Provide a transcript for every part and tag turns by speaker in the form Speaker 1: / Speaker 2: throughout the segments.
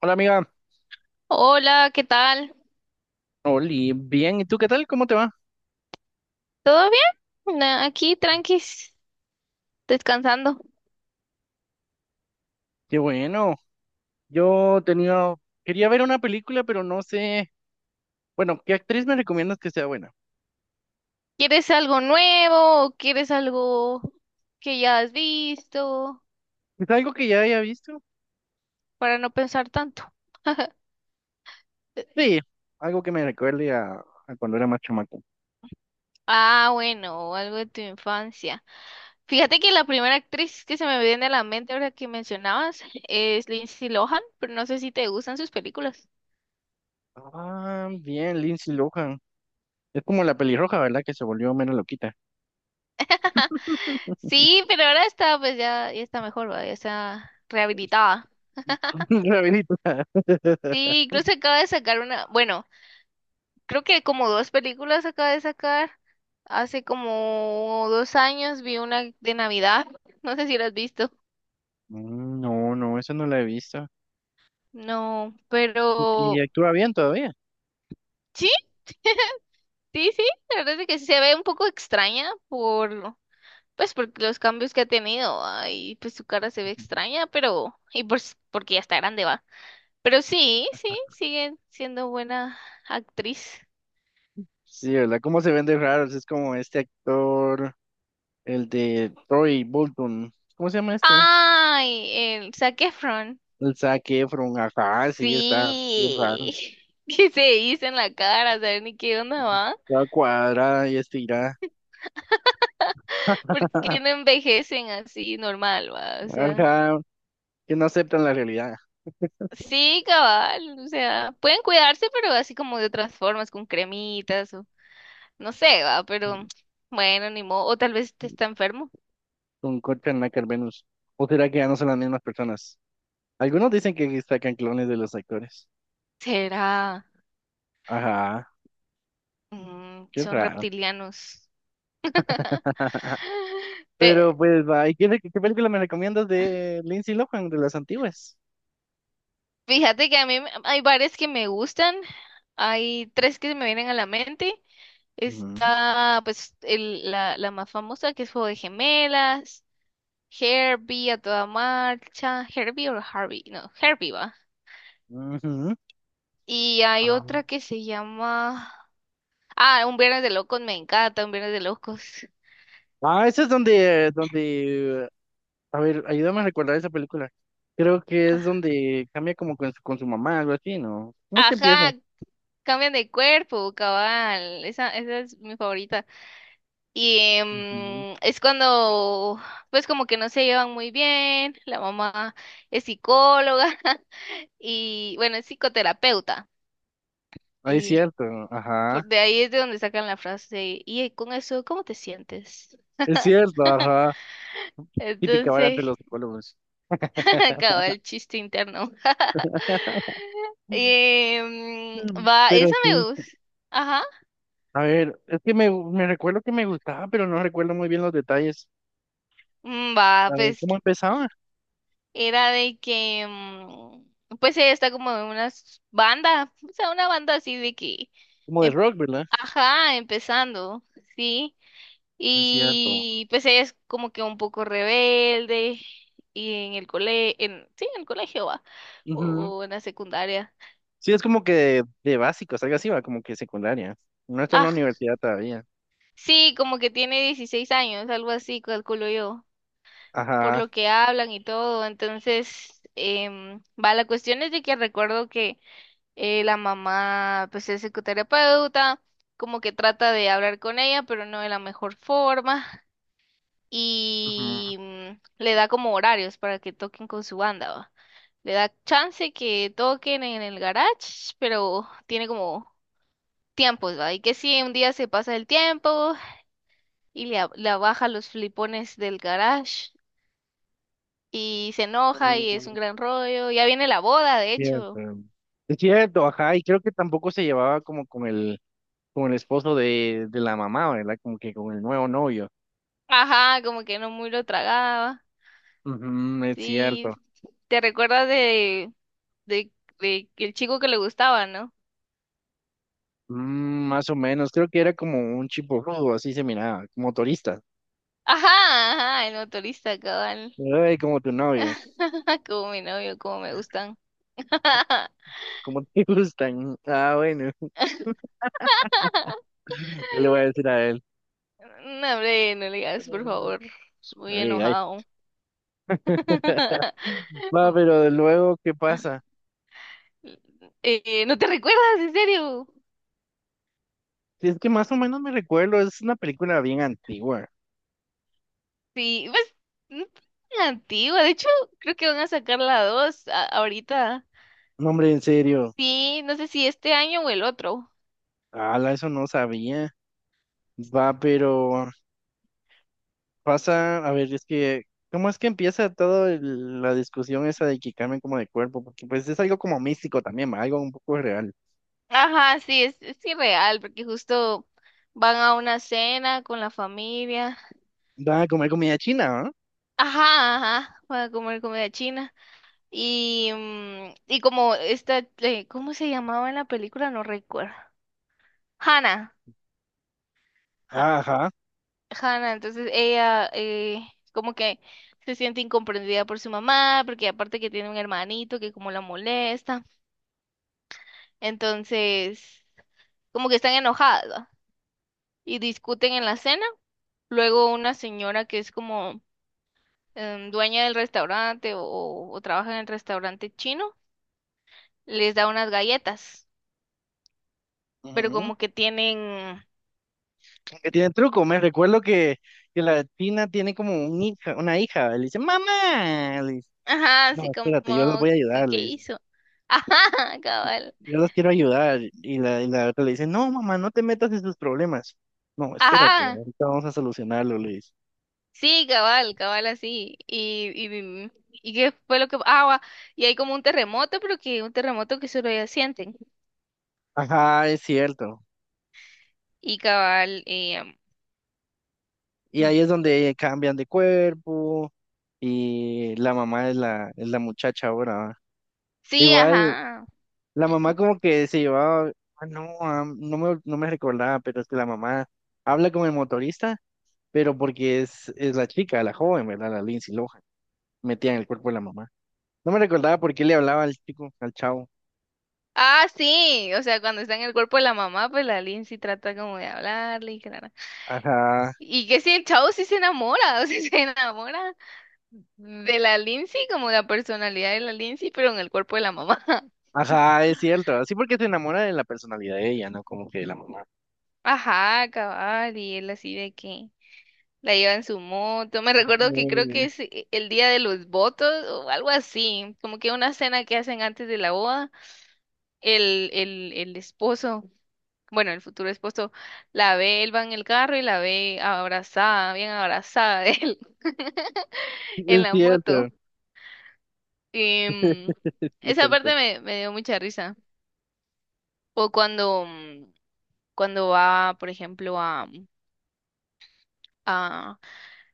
Speaker 1: Hola amiga.
Speaker 2: Hola, ¿qué tal?
Speaker 1: Oli, bien, ¿y tú qué tal? ¿Cómo te va?
Speaker 2: ¿Todo bien? Aquí tranquis, descansando.
Speaker 1: Qué bueno, yo quería ver una película, pero no sé, bueno, ¿qué actriz me recomiendas que sea buena?
Speaker 2: ¿Quieres algo nuevo o quieres algo que ya has visto
Speaker 1: ¿Es algo que ya haya visto?
Speaker 2: para no pensar tanto?
Speaker 1: Sí, algo que me recuerde a cuando era más chamaco.
Speaker 2: Bueno, o algo de tu infancia. Fíjate que la primera actriz que se me viene a la mente ahora que mencionabas es Lindsay Lohan, pero no sé si te gustan sus películas.
Speaker 1: Ah, bien, Lindsay Lohan, es como la pelirroja, ¿verdad? Que se volvió menos loquita.
Speaker 2: Sí, pero ahora está, pues ya está mejor, ¿va? Ya está rehabilitada.
Speaker 1: Rabinito.
Speaker 2: Sí, incluso acaba de sacar una, bueno. Creo que como dos películas acaba de sacar. Hace como dos años vi una de Navidad. No sé si la has visto.
Speaker 1: Mm. No, esa no la he visto.
Speaker 2: No,
Speaker 1: ¿Y y
Speaker 2: pero
Speaker 1: actúa bien todavía?
Speaker 2: sí, sí. La verdad es que sí se ve un poco extraña por, pues, por los cambios que ha tenido. Y pues su cara se ve extraña, pero y pues porque ya está grande va. Pero sí, sigue siendo buena actriz.
Speaker 1: Sí, ¿verdad? ¿Cómo se vende raro? Es como este actor, el de Troy Bolton. ¿Cómo se llama este?
Speaker 2: Ay, el Zac Efron.
Speaker 1: El Zac Efron. Ajá, sí, está bien raro.
Speaker 2: Sí, que se dicen la cara, ¿saben ni qué onda va?
Speaker 1: Está cuadrada y estirada.
Speaker 2: ¿Por
Speaker 1: Ajá,
Speaker 2: qué no envejecen así normal, va? O sea,
Speaker 1: que no aceptan la realidad
Speaker 2: sí, cabal, o sea, pueden cuidarse, pero así como de otras formas, con cremitas o no sé, va, pero bueno, ni modo, o tal vez te está enfermo.
Speaker 1: con Courtney Acker Venus. ¿O será que ya no son las mismas personas? Algunos dicen que sacan clones de los actores.
Speaker 2: Será,
Speaker 1: Ajá, qué
Speaker 2: Son
Speaker 1: raro.
Speaker 2: reptilianos.
Speaker 1: Pero
Speaker 2: Te-
Speaker 1: pues, va, ¿y qué película me recomiendas de Lindsay Lohan, de las antiguas?
Speaker 2: Fíjate que hay bares que me gustan, hay tres que se me vienen a la mente.
Speaker 1: Ujú,
Speaker 2: Está pues la más famosa que es Juego de Gemelas, Herbie a toda marcha, Herbie o Harvey, no, Herbie va.
Speaker 1: ujú.
Speaker 2: Y hay
Speaker 1: Ah,
Speaker 2: otra que se llama... Un Viernes de Locos, me encanta, Un Viernes de Locos.
Speaker 1: ah, esa es donde, a ver, ayúdame a recordar esa película. Creo que es
Speaker 2: Ah,
Speaker 1: donde cambia como con con su mamá, algo así, ¿no? ¿Cómo es que empieza?
Speaker 2: ajá, cambian de cuerpo, cabal, esa es mi favorita. Y
Speaker 1: Ujú.
Speaker 2: es cuando, pues como que no se llevan muy bien, la mamá es psicóloga y bueno, es psicoterapeuta.
Speaker 1: Ah, es
Speaker 2: Y
Speaker 1: cierto, ajá.
Speaker 2: por, de ahí es de donde sacan la frase, y con eso, ¿cómo te sientes?
Speaker 1: Es cierto, ajá. Típica vara entre
Speaker 2: Entonces,
Speaker 1: los psicólogos.
Speaker 2: acaba el chiste interno.
Speaker 1: Mm. Pero
Speaker 2: Esa me
Speaker 1: sí.
Speaker 2: gusta. Ajá.
Speaker 1: A ver, es que me recuerdo que me gustaba, pero no recuerdo muy bien los detalles.
Speaker 2: Va,
Speaker 1: A ver,
Speaker 2: pues
Speaker 1: ¿cómo empezaba?
Speaker 2: era de que, pues ella está como en una banda, o sea, una banda así de que
Speaker 1: ¿Como de rock, verdad?
Speaker 2: ajá, empezando, sí.
Speaker 1: Es cierto.
Speaker 2: Y pues ella es como que un poco rebelde y en el cole, en, sí, en el colegio va,
Speaker 1: Ujú.
Speaker 2: o en la secundaria.
Speaker 1: Sí, es como que de básicos, algo así, va, como que secundaria. No está en la
Speaker 2: Ah,
Speaker 1: universidad todavía.
Speaker 2: sí, como que tiene 16 años, algo así, calculo yo, por
Speaker 1: Ajá.
Speaker 2: lo que hablan y todo. Entonces, va, la cuestión es de que recuerdo que la mamá, pues es psicoterapeuta, como que trata de hablar con ella, pero no de la mejor forma. Y le da como horarios para que toquen con su banda, ¿va? Le da chance que toquen en el garage, pero tiene como tiempos, ¿va? Y que si un día se pasa el tiempo y le baja los flipones del garage y se enoja y es un
Speaker 1: Ujú.
Speaker 2: gran rollo. Ya viene la boda, de
Speaker 1: Cierto.
Speaker 2: hecho.
Speaker 1: Es cierto, ajá, y creo que tampoco se llevaba como con con el esposo de la mamá, ¿verdad? Como que con el nuevo novio.
Speaker 2: Ajá, como que no muy lo tragaba.
Speaker 1: Ujú, es
Speaker 2: Sí,
Speaker 1: cierto.
Speaker 2: te recuerdas de, de el chico que le gustaba, ¿no?
Speaker 1: Mm, más o menos, creo que era como un chipo rudo, así se miraba, como turista.
Speaker 2: Ajá, ajá, el motorista, cabal.
Speaker 1: Ay, como tu novio,
Speaker 2: Como mi novio, como me gustan.
Speaker 1: como te gustan. Ah, bueno, ¿qué le voy a decir a él?
Speaker 2: No, hombre, no le digas, por favor. Es muy
Speaker 1: Ay, ay.
Speaker 2: enojado.
Speaker 1: Va, pero de luego, ¿qué pasa?
Speaker 2: ¿No te recuerdas, en serio?
Speaker 1: Si es que más o menos me recuerdo, es una película bien antigua.
Speaker 2: Sí, pues, no es tan antigua. De hecho, creo que van a sacar la 2 ahorita.
Speaker 1: No, hombre, en serio.
Speaker 2: Sí, no sé si este año o el otro.
Speaker 1: Ala, eso no sabía. Va, pero pasa, a ver, es que, ¿cómo es que empieza toda la discusión esa de que cambien como de cuerpo? Porque pues es algo como místico también, va, algo un poco real.
Speaker 2: Ajá, sí, es irreal, porque justo van a una cena con la familia.
Speaker 1: Va a comer comida china, ¿ah?
Speaker 2: Ajá, van a comer comida china. Y, y como esta, ¿cómo se llamaba en la película? No recuerdo. Hannah. Ha-
Speaker 1: Ajá.
Speaker 2: Hannah, entonces ella como que se siente incomprendida por su mamá, porque aparte que tiene un hermanito que como la molesta. Entonces, como que están enojadas, ¿va? Y discuten en la cena. Luego una señora que es como dueña del restaurante o trabaja en el restaurante chino, les da unas galletas, pero
Speaker 1: Ujú.
Speaker 2: como que tienen
Speaker 1: Que tiene truco, me recuerdo que la china tiene como un hija, una hija, le dice, mamá, le dice,
Speaker 2: ajá, así
Speaker 1: no,
Speaker 2: como,
Speaker 1: espérate, yo los voy a
Speaker 2: ¿qué,
Speaker 1: ayudar,
Speaker 2: qué
Speaker 1: le dice,
Speaker 2: hizo? Ajá, cabal.
Speaker 1: yo los quiero ayudar, y la otra le dice, no, mamá, no te metas en sus problemas, no, espérate,
Speaker 2: Ajá,
Speaker 1: ahorita vamos a solucionarlo, le dice.
Speaker 2: sí, cabal, así. Y qué fue lo que... Ah, va, y hay como un terremoto, pero que un terremoto que solo ellos sienten.
Speaker 1: Ajá, es cierto.
Speaker 2: Y cabal,
Speaker 1: Y ahí es donde cambian de cuerpo y la mamá es es la muchacha ahora, ¿va?
Speaker 2: sí,
Speaker 1: Igual,
Speaker 2: ajá.
Speaker 1: la mamá
Speaker 2: Ujú.
Speaker 1: como que se llevaba, no, ah, no me recordaba, pero es que la mamá habla con el motorista, pero porque es la chica, la joven, ¿verdad? La Lindsay Lohan, metía en el cuerpo de la mamá. No me recordaba por qué le hablaba al chico, al chavo.
Speaker 2: Ah, sí, o sea, cuando está en el cuerpo de la mamá, pues la Lindsay trata como de hablarle y que
Speaker 1: Ajá,
Speaker 2: y que si el chavo sí se enamora, o sea, se enamora de la Lindsay, como la personalidad de la Lindsay, pero en el cuerpo de la mamá.
Speaker 1: ajá, es cierto. Sí, porque se enamora de la personalidad de ella, ¿no? Como que de la mamá.
Speaker 2: Ajá, cabal, y él así de que la lleva en su moto. Me recuerdo que creo que
Speaker 1: Eh,
Speaker 2: es el día de los votos o algo así, como que una cena que hacen antes de la boda, el esposo, bueno, el futuro esposo, la ve, él va en el carro y la ve abrazada, bien abrazada de él en
Speaker 1: Es
Speaker 2: la
Speaker 1: cierto,
Speaker 2: moto. Em,
Speaker 1: es
Speaker 2: esa
Speaker 1: cierto.
Speaker 2: parte me dio mucha risa. O cuando, cuando va, por ejemplo, a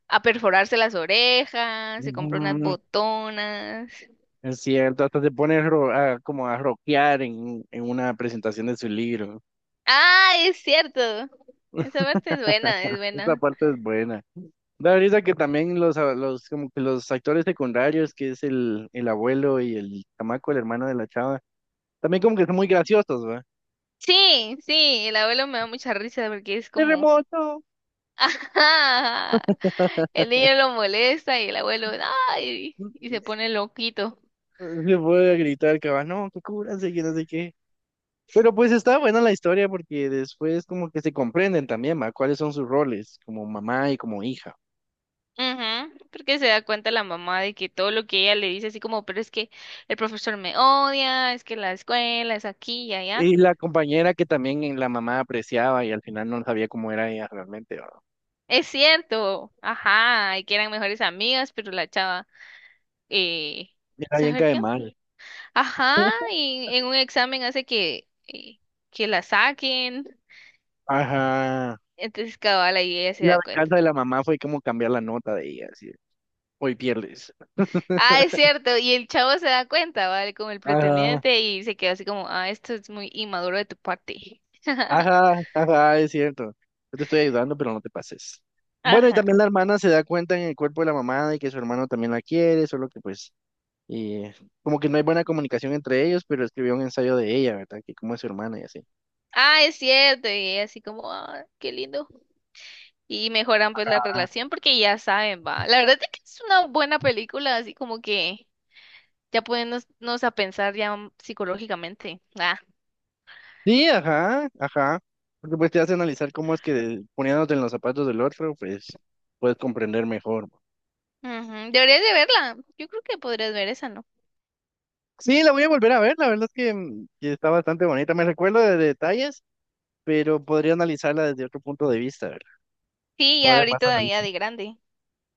Speaker 2: a perforarse las orejas, se compró unas
Speaker 1: Ujú.
Speaker 2: botonas.
Speaker 1: Es cierto, hasta se pone como a rockear en una presentación de su libro.
Speaker 2: Ah, es cierto. Esa parte es buena, es
Speaker 1: Esta
Speaker 2: buena.
Speaker 1: parte es buena. Da risa que también como que los actores secundarios, que es el abuelo y el chamaco, el hermano de la chava, también como que son muy graciosos, ¿va?
Speaker 2: Sí, sí, el abuelo me da mucha risa porque es como,
Speaker 1: ¡Terremoto!
Speaker 2: ajá, el niño lo molesta y el abuelo, ay, y se pone loquito.
Speaker 1: Se puede gritar, que va, no, que cúbranse, que no sé qué. Pero pues está buena la historia porque después como que se comprenden también, ¿va? ¿Cuáles son sus roles como mamá y como hija?
Speaker 2: Ujú, porque se da cuenta la mamá de que todo lo que ella le dice, así como, pero es que el profesor me odia, es que la escuela es aquí y allá.
Speaker 1: Y la compañera que también en la mamá apreciaba y al final no sabía cómo era ella realmente, ¿verdad?
Speaker 2: Es cierto, ajá, y que eran mejores amigas, pero la chava. eh,
Speaker 1: Era bien
Speaker 2: Saber
Speaker 1: cae
Speaker 2: qué onda.
Speaker 1: mal.
Speaker 2: Ajá, y en un examen hace que la saquen.
Speaker 1: Ajá.
Speaker 2: Entonces cabal ahí ella
Speaker 1: Y
Speaker 2: se
Speaker 1: la
Speaker 2: da cuenta.
Speaker 1: venganza de la mamá fue como cambiar la nota de ella, así, de, hoy pierdes.
Speaker 2: Ah, es cierto, y el chavo se da cuenta, ¿vale? Con el
Speaker 1: Ajá,
Speaker 2: pretendiente y se quedó así como, ah, esto es muy inmaduro de tu parte.
Speaker 1: ajá, ajá, es cierto. Yo te estoy ayudando, pero no te pases. Bueno, y también
Speaker 2: Ajá.
Speaker 1: la hermana se da cuenta en el cuerpo de la mamá de que su hermano también la quiere, solo que pues, eh, como que no hay buena comunicación entre ellos, pero escribió un ensayo de ella, ¿verdad? Que cómo es su hermana y así.
Speaker 2: Ah, es cierto, y ella así como, ah, qué lindo. Y mejoran pues la relación porque ya saben, va. La verdad es que es una buena película, así como que ya poniéndonos a pensar ya psicológicamente.
Speaker 1: Sí, ajá, ajá. Porque pues te hace analizar cómo es que poniéndote en los zapatos del otro, pues puedes comprender mejor.
Speaker 2: Ujú, deberías de verla. Yo creo que podrías ver esa, ¿no?
Speaker 1: Sí, la voy a volver a ver, la verdad es que, mm, que está bastante bonita. Me recuerdo de detalles, pero podría analizarla desde otro punto de vista, ¿verdad?
Speaker 2: Sí, ya
Speaker 1: Ahora es más
Speaker 2: ahorita ya
Speaker 1: analítico.
Speaker 2: de grande.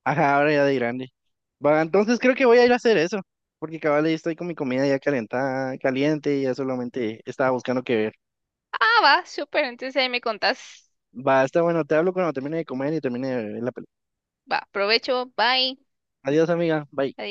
Speaker 1: Ajá, ahora ya de grande. Va, entonces creo que voy a ir a hacer eso, porque cabal ahí estoy con mi comida ya calentada, caliente, y ya solamente estaba buscando qué ver.
Speaker 2: Ah, va, súper. Entonces ahí me contás.
Speaker 1: Va, está bueno, te hablo cuando termine de comer y termine de ver la película.
Speaker 2: Va, provecho. Bye.
Speaker 1: Adiós, amiga, bye.
Speaker 2: Adiós.